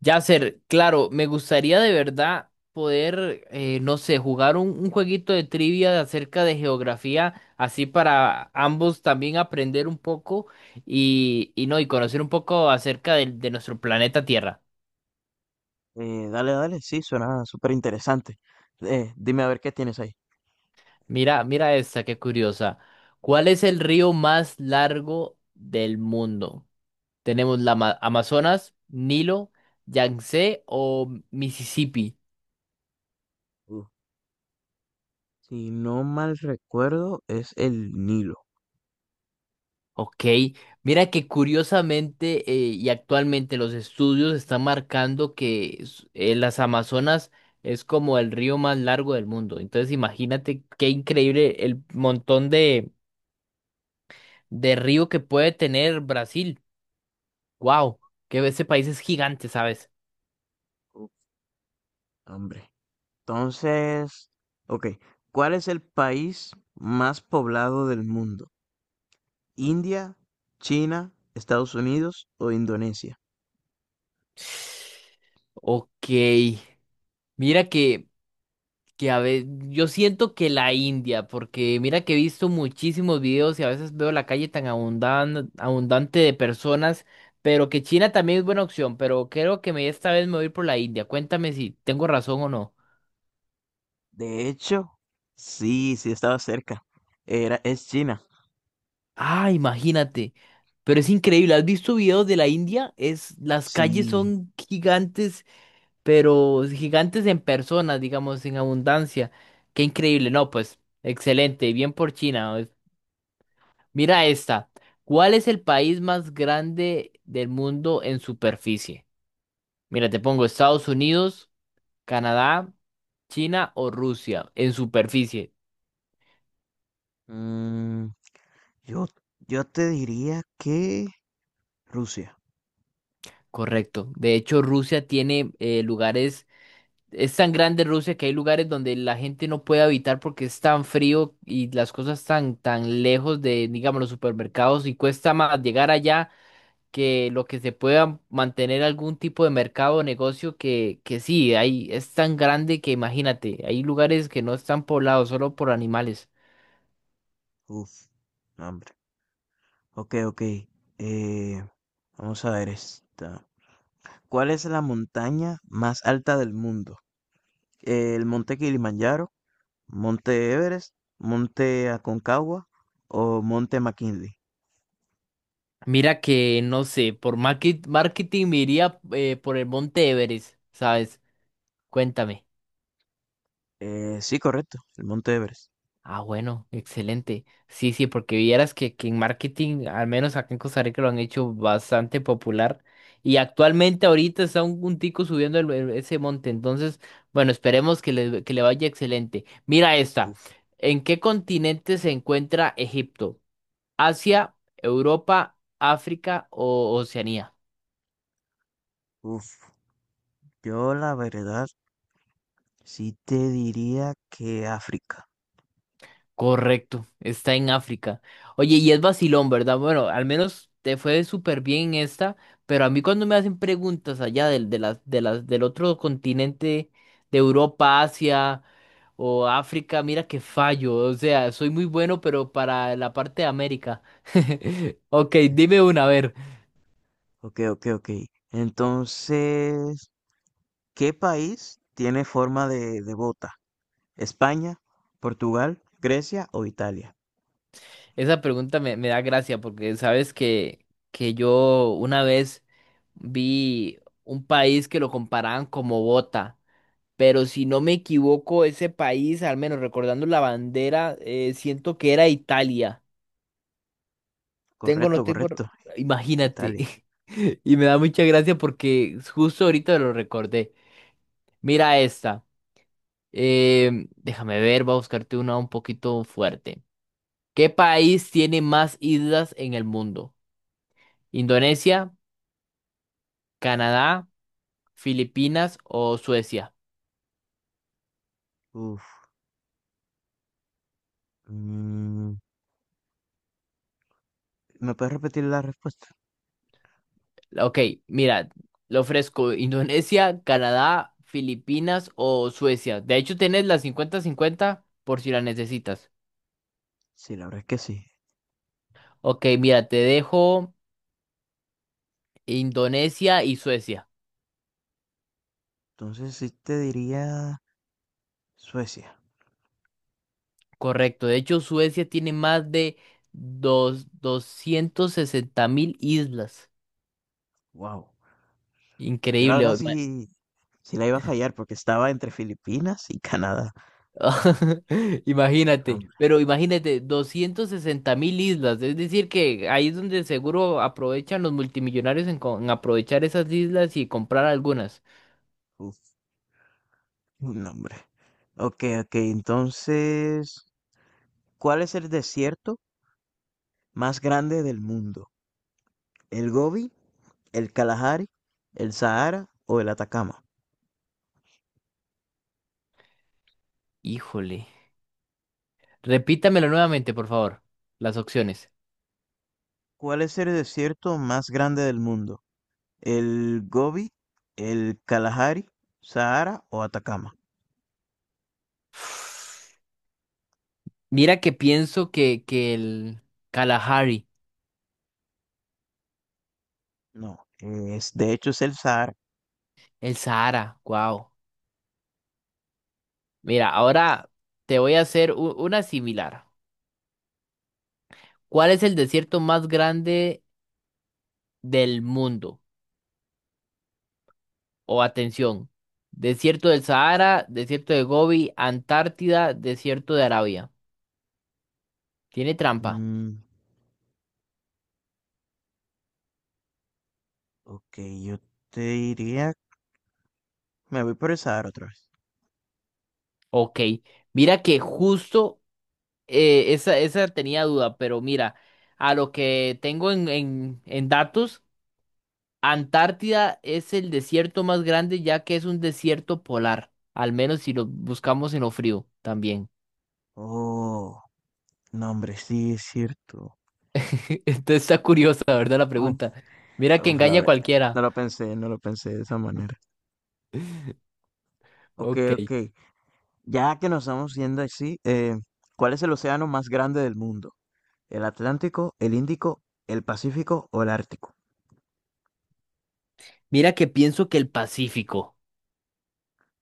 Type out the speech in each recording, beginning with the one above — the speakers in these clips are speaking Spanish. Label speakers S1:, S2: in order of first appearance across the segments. S1: Yasser, claro, me gustaría de verdad poder, no sé, jugar un jueguito de trivia acerca de geografía, así para ambos también aprender un poco y no, y conocer un poco acerca del- de, nuestro planeta Tierra.
S2: Dale, dale, sí, suena súper interesante. Dime a ver qué tienes ahí.
S1: Mira, mira esta, qué curiosa. ¿Cuál es el río más largo del mundo? Tenemos la Amazonas, Nilo, Yangtze o Mississippi.
S2: Uh, si no mal recuerdo, es el Nilo.
S1: Ok, mira que curiosamente y actualmente los estudios están marcando que las Amazonas es como el río más largo del mundo. Entonces imagínate qué increíble el montón de río que puede tener Brasil. Wow, que ese país es gigante, ¿sabes?
S2: Uh, Hombre. Entonces, ok, ¿cuál es el país más poblado del mundo? ¿India, China, Estados Unidos o Indonesia?
S1: Ok, mira que a veces yo siento que la India, porque mira que he visto muchísimos videos y a veces veo la calle abundante de personas, pero que China también es buena opción, pero creo que me esta vez me voy a ir por la India. Cuéntame si tengo razón o no.
S2: De hecho, sí estaba cerca. Es China.
S1: Ah, imagínate. Pero es increíble, ¿has visto videos de la India? Es, las calles
S2: Sí.
S1: son gigantes, pero gigantes en personas, digamos, en abundancia. Qué increíble, no, pues excelente, bien por China. Mira esta. ¿Cuál es el país más grande del mundo en superficie? Mira, te pongo Estados Unidos, Canadá, China o Rusia en superficie.
S2: Mm, Yo, yo te diría que Rusia.
S1: Correcto. De hecho, Rusia tiene lugares, es tan grande Rusia que hay lugares donde la gente no puede habitar porque es tan frío y las cosas tan lejos de, digamos, los supermercados y cuesta más llegar allá que lo que se pueda mantener algún tipo de mercado o negocio que sí, ahí es tan grande que imagínate, hay lugares que no están poblados solo por animales.
S2: Uf, no, hombre. Ok, ok. Eh, Vamos a ver esta. ¿Cuál es la montaña más alta del mundo? ¿El monte Kilimanjaro, monte Everest, monte Aconcagua o monte McKinley?
S1: Mira que, no sé, por marketing me iría por el Monte Everest, ¿sabes? Cuéntame.
S2: Sí, correcto, el monte Everest.
S1: Ah, bueno, excelente. Sí, sí, porque vieras que en marketing, al menos acá en Costa Rica, lo han hecho bastante popular. Y actualmente ahorita está un tico subiendo ese monte. Entonces, bueno, esperemos que le vaya excelente. Mira esta.
S2: Uf,
S1: ¿En qué continente se encuentra Egipto? ¿Asia, Europa, África o Oceanía?
S2: uf. Yo la verdad sí te diría que África.
S1: Correcto, está en África. Oye, y es vacilón, ¿verdad? Bueno, al menos te fue súper bien en esta, pero a mí cuando me hacen preguntas allá del, de las, del otro continente, de Europa, Asia o África, mira que fallo. O sea, soy muy bueno, pero para la parte de América. Ok, dime una, a ver.
S2: Ok, ok, ok. Entonces... ¿Qué país tiene forma de bota? ¿España, Portugal, Grecia o Italia?
S1: Esa pregunta me da gracia porque sabes que yo una vez vi un país que lo comparaban como bota, pero si no me equivoco, ese país, al menos recordando la bandera, siento que era Italia. Tengo, no
S2: Correcto,
S1: tengo,
S2: correcto.
S1: imagínate.
S2: Italia.
S1: Y me da mucha gracia porque justo ahorita lo recordé. Mira esta. Déjame ver, voy a buscarte una un poquito fuerte. ¿Qué país tiene más islas en el mundo? ¿Indonesia, Canadá, Filipinas o Suecia?
S2: Uf. mm, ¿Me puedes repetir la respuesta?
S1: Ok, mira, lo ofrezco Indonesia, Canadá, Filipinas o Suecia. De hecho, tienes las cincuenta-cincuenta por si la necesitas.
S2: Sí, la verdad es que sí.
S1: Ok, mira, te dejo Indonesia y Suecia.
S2: Entonces sí te diría Suecia.
S1: Correcto. De hecho, Suecia tiene más de 260 mil islas.
S2: Wow. Yo la
S1: Increíble.
S2: verdad sí, sí la iba a fallar porque estaba entre Filipinas y Canadá. No,
S1: Imagínate,
S2: hombre.
S1: pero imagínate, 260 mil islas, es decir que ahí es donde seguro aprovechan los multimillonarios en aprovechar esas islas y comprar algunas.
S2: Uf, no, hombre. Ok, ok. Entonces, ¿cuál es el desierto más grande del mundo? ¿El Gobi, el Kalahari, el Sahara o el Atacama?
S1: Híjole, repítamelo nuevamente, por favor, las opciones.
S2: ¿Cuál es el desierto más grande del mundo? ¿El Gobi, el Kalahari, Sahara o Atacama?
S1: Mira que pienso que el Kalahari,
S2: No, Es, de hecho es el Sahara.
S1: el Sahara, wow. Mira, ahora te voy a hacer una similar. ¿Cuál es el desierto más grande del mundo? O atención, desierto del Sahara, desierto de Gobi, Antártida, desierto de Arabia. ¿Tiene trampa?
S2: Mm, ok, yo te diría, me voy por el Sahara otra vez.
S1: Ok. Mira que justo esa tenía duda, pero mira, a lo que tengo en datos, Antártida es el desierto más grande ya que es un desierto polar, al menos si lo buscamos en lo frío también.
S2: Oh, no, hombre, sí es cierto.
S1: Entonces está curiosa, ¿verdad? La
S2: Uf,
S1: pregunta. Mira que
S2: la
S1: engaña a
S2: verdad,
S1: cualquiera.
S2: no lo pensé de esa manera. Ok,
S1: Ok.
S2: ok, ya que nos estamos viendo así, ¿cuál es el océano más grande del mundo? El Atlántico, el Índico, el Pacífico o el Ártico.
S1: Mira que pienso que el Pacífico.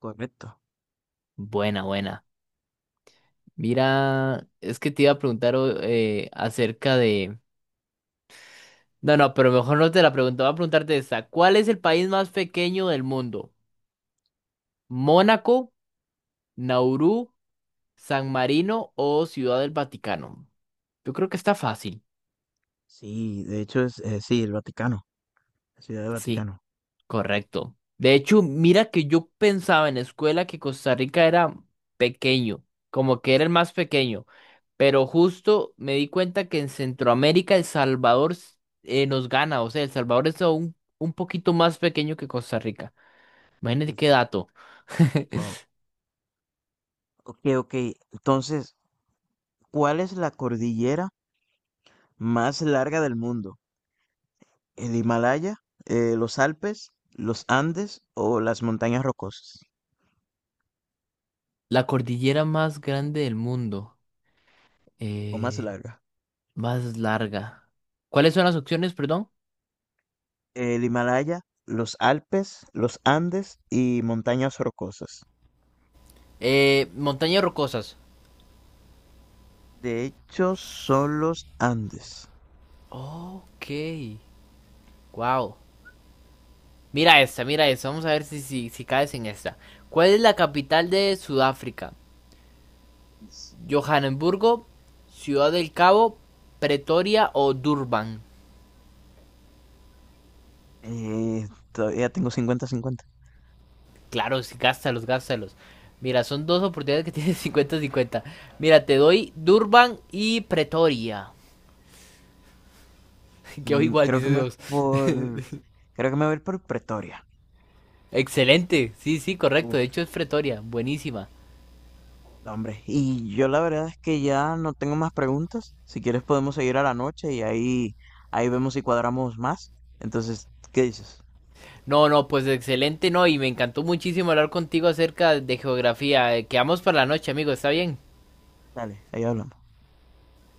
S2: Correcto.
S1: Buena, buena. Mira, es que te iba a preguntar acerca de... No, no, pero mejor no te la pregunto, voy a preguntarte esta. ¿Cuál es el país más pequeño del mundo? ¿Mónaco, Nauru, San Marino o Ciudad del Vaticano? Yo creo que está fácil.
S2: Sí, de hecho es, sí, el Vaticano, la Ciudad del
S1: Sí.
S2: Vaticano.
S1: Correcto. De hecho, mira que yo pensaba en la escuela que Costa Rica era pequeño, como que era el más pequeño, pero justo me di cuenta que en Centroamérica El Salvador nos gana, o sea, El Salvador es aún un poquito más pequeño que Costa Rica. Imagínate
S2: Uf,
S1: qué dato.
S2: wow. Ok, ok. Entonces, ¿cuál es la cordillera más larga del mundo? ¿El Himalaya, los Alpes, los Andes o las montañas rocosas?
S1: La cordillera más grande del mundo,
S2: ¿O más
S1: eh,
S2: larga?
S1: más larga. ¿Cuáles son las opciones, perdón?
S2: El Himalaya, los Alpes, los Andes y montañas rocosas.
S1: Montañas rocosas.
S2: De hecho, son los Andes.
S1: Ok, wow. Mira esta, mira esta. Vamos a ver si, si caes en esta. ¿Cuál es la capital de Sudáfrica?
S2: S-
S1: ¿Johannesburgo, Ciudad del Cabo, Pretoria o Durban?
S2: Todavía tengo 50-50.
S1: Claro, sí, gástalos, gástalos. Mira, son dos oportunidades que tienes 50 cincuenta. Mira, te doy Durban y Pretoria. Quedó
S2: Mm,
S1: igual,
S2: Creo que
S1: dice
S2: me voy
S1: Dios.
S2: por. Creo que me voy a ir por Pretoria.
S1: Excelente. Sí, sí, correcto.
S2: Uf,
S1: De hecho es Pretoria. Buenísima.
S2: no, hombre. Y yo la verdad es que ya no tengo más preguntas. Si quieres podemos seguir a la noche y ahí vemos si cuadramos más. Entonces, ¿qué dices?
S1: No, no, pues excelente, no. Y me encantó muchísimo hablar contigo acerca de geografía. Quedamos para la noche, amigo. ¿Está bien?
S2: Dale, ahí hablamos.